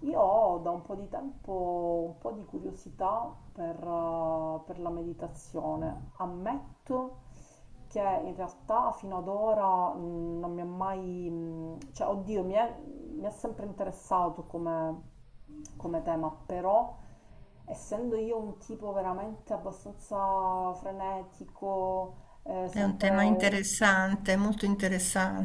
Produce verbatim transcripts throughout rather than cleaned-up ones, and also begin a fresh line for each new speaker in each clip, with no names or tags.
Io ho da un po' di tempo un po' di curiosità per, eh, per la meditazione. Ammetto che in realtà fino ad ora mh, non mi ha mai, mh, cioè oddio, mi è, mi è sempre interessato come, come tema, però essendo io un tipo veramente abbastanza frenetico, eh,
È un tema
sempre
interessante, molto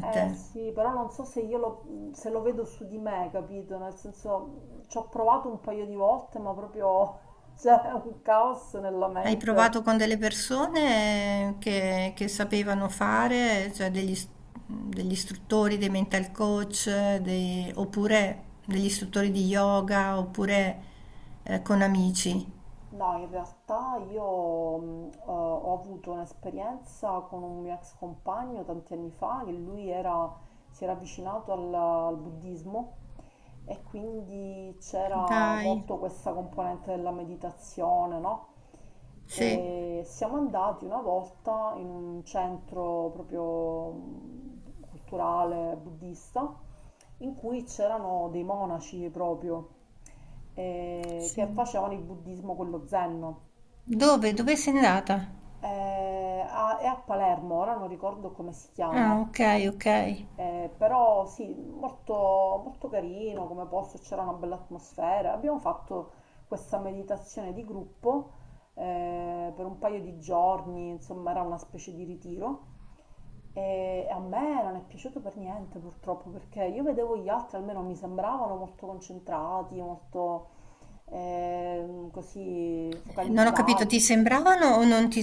eh sì, però non so se io lo, se lo vedo su di me, capito? Nel senso, ci ho provato un paio di volte, ma proprio c'è un caos nella
Hai
mente.
provato con delle persone che, che sapevano fare, cioè degli, is- degli istruttori, dei mental coach, dei- oppure degli istruttori di yoga, oppure eh, con amici.
No, in realtà io mh, eh, ho avuto un'esperienza con un mio ex compagno tanti anni fa, che lui era- si era avvicinato al, al buddismo e quindi c'era
Dai,
molto questa componente della meditazione, no?
sì.
E siamo andati una volta in un centro proprio mh, culturale buddista in cui c'erano dei monaci proprio eh,
Sì.
che facevano il buddismo, quello zen.
Dove? Dove sei andata?
Eh, a- è a Palermo, ora non ricordo come si
Ah,
chiama.
ok, ok.
Eh, però sì, molto, molto carino come posto, c'era una bella atmosfera. Abbiamo fatto questa meditazione di gruppo eh, per un paio di giorni, insomma era una specie di ritiro. E a me non è piaciuto per niente purtroppo perché io vedevo gli altri, almeno mi sembravano molto concentrati, molto ehm, così
Non ho capito,
focalizzati.
ti sembravano o non ti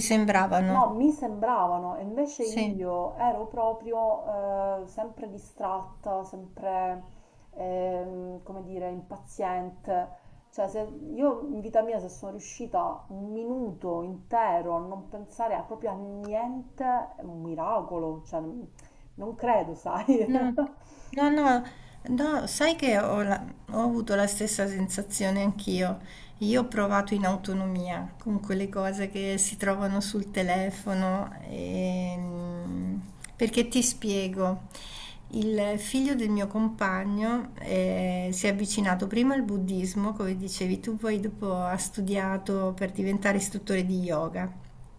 No,
sembravano?
mi sembravano, e invece
Sì.
io ero proprio eh, sempre distratta, sempre, ehm, come dire, impaziente. Cioè, se- io in vita mia se sono riuscita un minuto intero a non pensare a- proprio a niente, è un miracolo, cioè, non credo, sai?
No, no, no, no, sai che ho, la- ho avuto la stessa sensazione anch'io. Io ho provato in autonomia con quelle cose che si trovano sul telefono. ehm, Perché ti spiego, il figlio del mio compagno eh, si è avvicinato prima al buddismo, come dicevi tu, poi dopo ha studiato per diventare istruttore di yoga.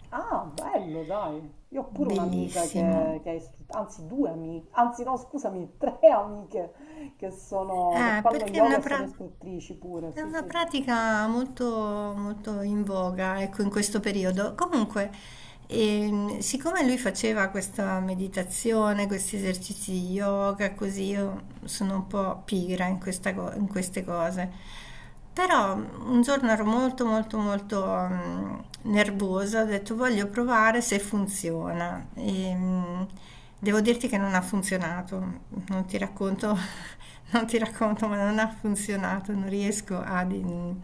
Ah, bello, dai. Io ho pure un'amica
Bellissimo.
che, che è istruttrice, anzi due amiche, anzi no, scusami, tre amiche che sono, che
Eh,
fanno
perché è
yoga
una,
e sono
pra-
istruttrici pure,
è
sì,
una
sì.
pratica molto, molto in voga, ecco, in questo periodo. Comunque, e siccome lui faceva questa meditazione, questi esercizi di yoga, così io sono un po' pigra in, questa co- in queste cose. Però mm, un giorno ero molto molto molto mm, nervosa, ho detto voglio provare se funziona. E, mm, devo dirti che non ha funzionato, non ti racconto, non ti racconto, ma non ha funzionato, non riesco ad, in-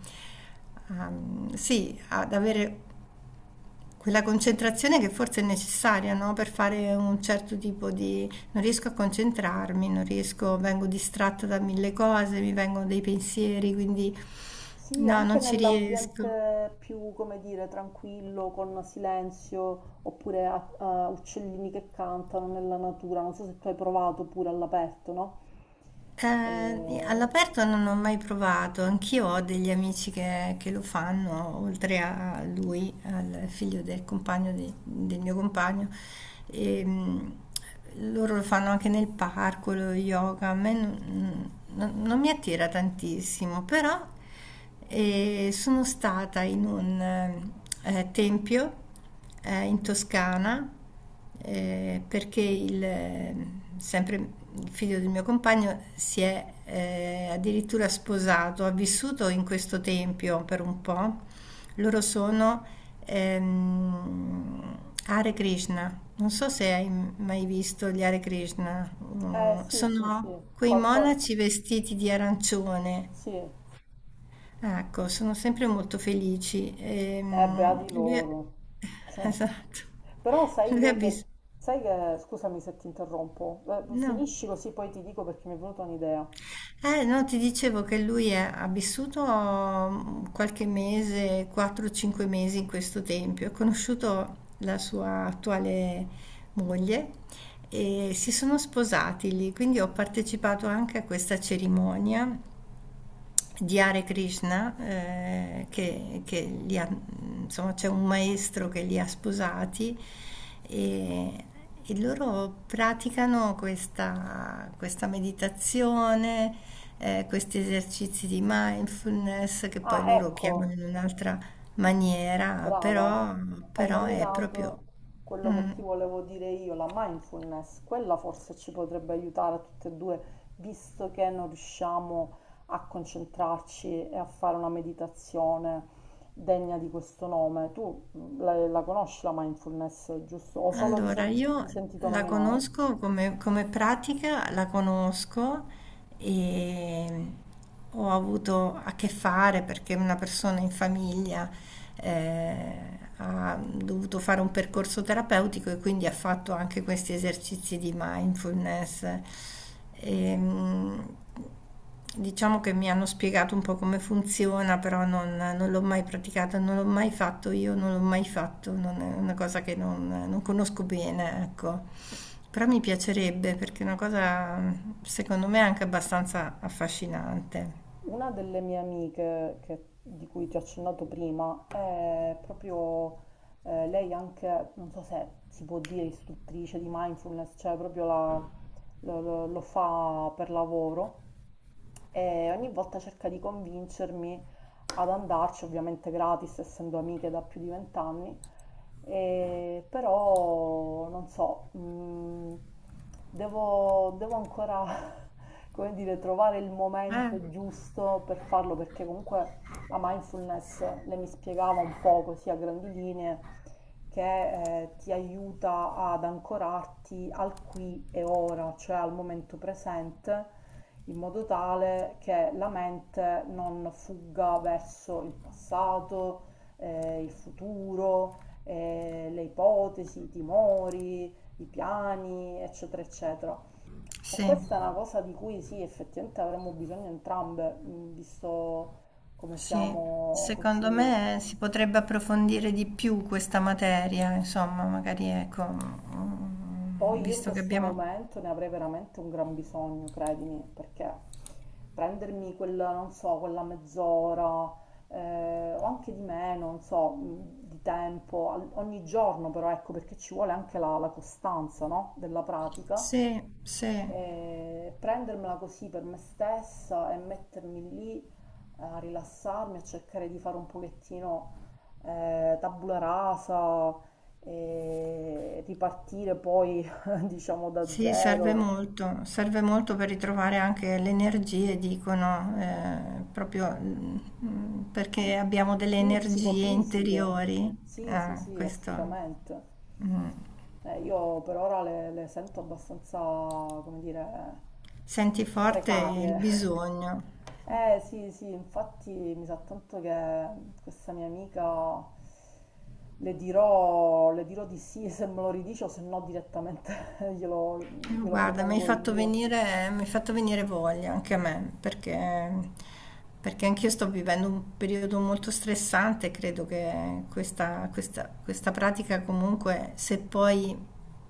a- mm, sì, ad avere quella concentrazione che forse è necessaria, no? Per fare un certo tipo di non riesco a concentrarmi, non riesco, vengo distratta da mille cose, mi vengono dei pensieri, quindi
Sì,
no,
anche
non ci riesco.
nell'ambiente più, come dire, tranquillo, con silenzio, oppure a- a uccellini che cantano nella natura. Non so se tu hai provato pure all'aperto, no?
Eh,
Eh,
all'aperto non ho mai provato, anch'io ho degli amici che, che lo fanno, oltre a lui, al figlio del compagno di- del mio compagno. E, mh, loro lo fanno anche nel parco, lo yoga, a me non, non- non mi attira tantissimo, però e sono stata in un eh, eh, tempio eh, in Toscana eh, perché il, eh, sempre il figlio del mio compagno si è eh, addirittura sposato, ha vissuto in questo tempio per un po'. Loro sono ehm, Hare Krishna. Non so se hai mai visto gli Hare Krishna.
eh,
Mm,
sì, sì, sì,
sono quei
qualcosa.
monaci vestiti di arancione.
Sì, eh,
Ecco, sono sempre molto felici. Ehm,
beati
lui è-
loro.
Esatto.
Però sai
Lui ha
io che,
vissuto
sai che, scusami se ti interrompo, eh,
No.
finisci così poi ti dico perché mi è venuta un'idea.
Eh, no, ti dicevo che lui è- ha vissuto mm, qualche mese, quattro cinque mesi in questo tempio. Ha conosciuto la sua attuale moglie e si sono sposati lì, quindi ho partecipato anche a questa cerimonia di Hare Krishna, eh, che, che li ha- insomma, c'è un maestro che li ha sposati e, e loro praticano questa, questa meditazione, eh, questi esercizi di mindfulness che poi
Ah,
loro chiamano
ecco,
in un'altra maniera,
brava,
però,
hai
però è proprio
nominato quello che
mm.
ti volevo dire io, la mindfulness. Quella forse ci potrebbe aiutare a tutte e due, visto che non riusciamo a concentrarci e a fare una meditazione degna di questo nome. Tu mm, la, la conosci la mindfulness, giusto? O solo di,
Allora,
sen- di
io
sentito
la
nominare?
conosco come, come pratica, la conosco e ho avuto a che fare perché una persona in famiglia eh, ha dovuto fare un percorso terapeutico e quindi ha fatto anche questi esercizi di mindfulness. Ehm, Diciamo che mi hanno spiegato un po' come funziona, però non non l'ho mai praticata, non l'ho mai fatto io, non l'ho mai fatto, non è una cosa che non, non conosco bene, ecco. Però mi piacerebbe perché è una cosa, secondo me, anche abbastanza affascinante.
Una delle mie amiche che- di cui ti ho accennato prima è proprio eh, lei anche, non so se si può dire istruttrice di mindfulness, cioè proprio la- lo, lo- lo fa per lavoro e ogni volta cerca di convincermi ad andarci, ovviamente gratis, essendo amiche da più di vent'anni, e però non so, mh, devo, devo ancora, come dire, trovare il
Eh,
momento giusto per farlo, perché comunque la mindfulness le mi spiegava un po' così a grandi linee, che eh, ti aiuta ad ancorarti al qui e ora, cioè al momento presente, in modo tale che la mente non fugga verso il passato, eh, il futuro, eh, le ipotesi, i timori, i piani, eccetera, eccetera. E
sì,
questa è una cosa di cui sì, effettivamente avremmo bisogno entrambe, mh, visto come
sì.
siamo
Secondo
così.
me si potrebbe approfondire di più questa materia, insomma, magari ecco, mm,
Poi io in
visto che
questo
abbiamo
momento ne avrei veramente un gran bisogno, credimi, perché prendermi quella, non so, quella mezz'ora, eh, o anche di meno, non so, mh, di tempo, al- ogni giorno però, ecco, perché ci vuole anche la, la costanza, no? Della pratica,
Sì, sì.
e prendermela così per me stessa e mettermi lì a rilassarmi, a cercare di fare un pochettino eh, tabula rasa e ripartire poi, diciamo, da
Sì, serve
zero.
molto, serve molto per ritrovare anche le energie, dicono, eh, proprio mm, mm, perché
Sì,
abbiamo delle
sì,
energie
psicofisiche,
interiori.
sì, sì,
Ah,
sì,
questo,
assolutamente.
mm.
Eh, io per ora le, le sento abbastanza, come dire,
Senti forte il
precarie.
bisogno.
Eh sì, sì, infatti mi sa tanto che questa mia amica le dirò, le dirò di sì se me lo ridice o se no direttamente glielo,
Eh,
glielo
Guarda, mi hai
propongo
fatto
io.
venire, mi hai fatto venire voglia anche a me, perché, perché anch'io sto vivendo un periodo molto stressante, credo che questa, questa- questa pratica comunque, se poi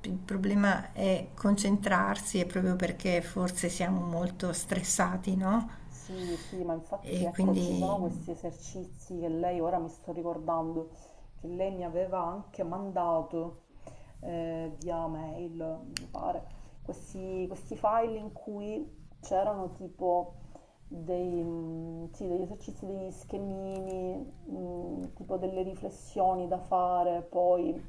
il problema è concentrarsi, è proprio perché forse siamo molto stressati, no?
Sì, sì, ma
E
infatti ecco,
quindi
ci sono questi esercizi che lei, ora mi sto ricordando, che lei mi aveva anche mandato eh, via mail, mi pare, questi, questi file in cui c'erano tipo dei, mm, sì, degli esercizi, degli schemini, mm, tipo delle riflessioni da fare, poi,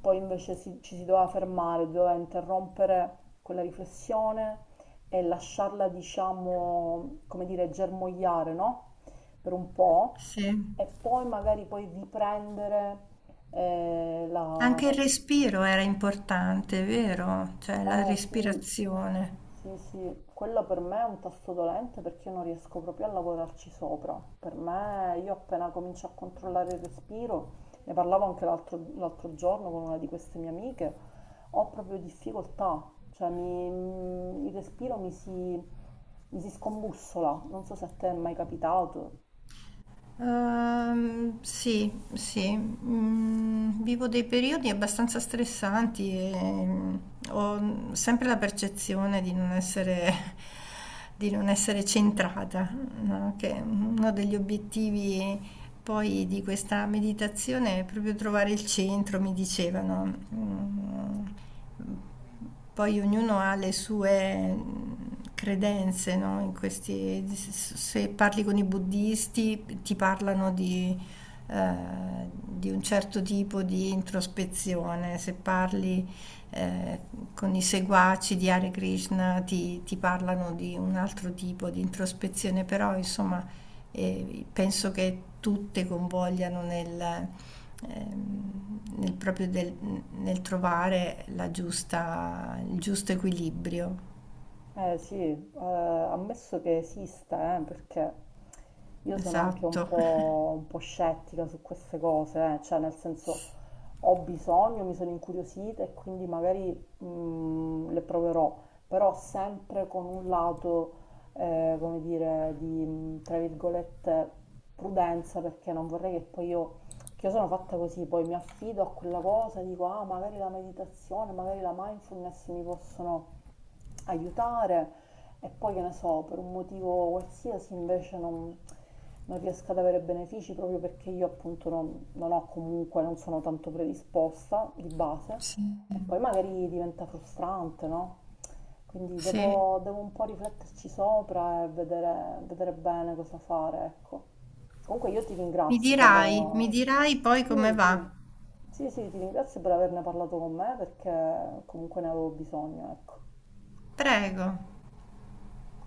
poi invece si- ci si doveva fermare, doveva interrompere quella riflessione e lasciarla, diciamo, come dire, germogliare, no? Per un po'
sì.
e poi magari poi riprendere eh, la,
Anche il respiro era importante, vero? Cioè la
eh sì,
respirazione.
sì, sì, quello per me è un tasto dolente perché io non riesco proprio a lavorarci sopra. Per me, io appena comincio a controllare il respiro, ne parlavo anche l'altro l'altro giorno con una di queste mie amiche, ho proprio difficoltà, cioè mi- mm, il respiro mi si, mi si scombussola, non so se a te è mai capitato.
Ehm, sì, sì, mm, vivo dei periodi abbastanza stressanti e mm, ho sempre la percezione di non essere, di non essere centrata, no? Che uno degli obiettivi poi di questa meditazione è proprio trovare il centro, mi dicevano. Mm, poi ognuno ha le sue mm, credenze, no? In questi- se parli con i buddisti ti parlano di, eh, di un certo tipo di introspezione, se parli eh, con i seguaci di Hare Krishna ti, ti parlano di un altro tipo di introspezione, però insomma eh, penso che tutte convogliano nel ehm, nel proprio del- nel trovare la giusta, il giusto equilibrio.
Eh sì, eh, ammesso che esista, eh, perché io sono anche un
Esatto.
po', un po' scettica su queste cose, eh, cioè nel senso ho bisogno, mi sono incuriosita e quindi magari mm, le proverò, però sempre con un lato, eh, come dire, di, mm, tra virgolette, prudenza, perché non vorrei che poi io, che io sono fatta così, poi mi affido a quella cosa, dico, ah, magari la meditazione, magari la mindfulness mi possono aiutare e poi che ne so, per un motivo qualsiasi invece non, non riesco ad avere benefici proprio perché io appunto non, non ho comunque, non sono tanto predisposta di base
Sì.
e poi magari diventa frustrante, no? Quindi
Sì.
devo, devo un po' rifletterci sopra e vedere, vedere bene cosa fare, ecco. Comunque io ti
Mi
ringrazio per...
dirai, mi dirai
Sì,
poi come
sì.
va.
Sì, sì, ti ringrazio per averne parlato con me perché comunque ne avevo bisogno, ecco.
Prego.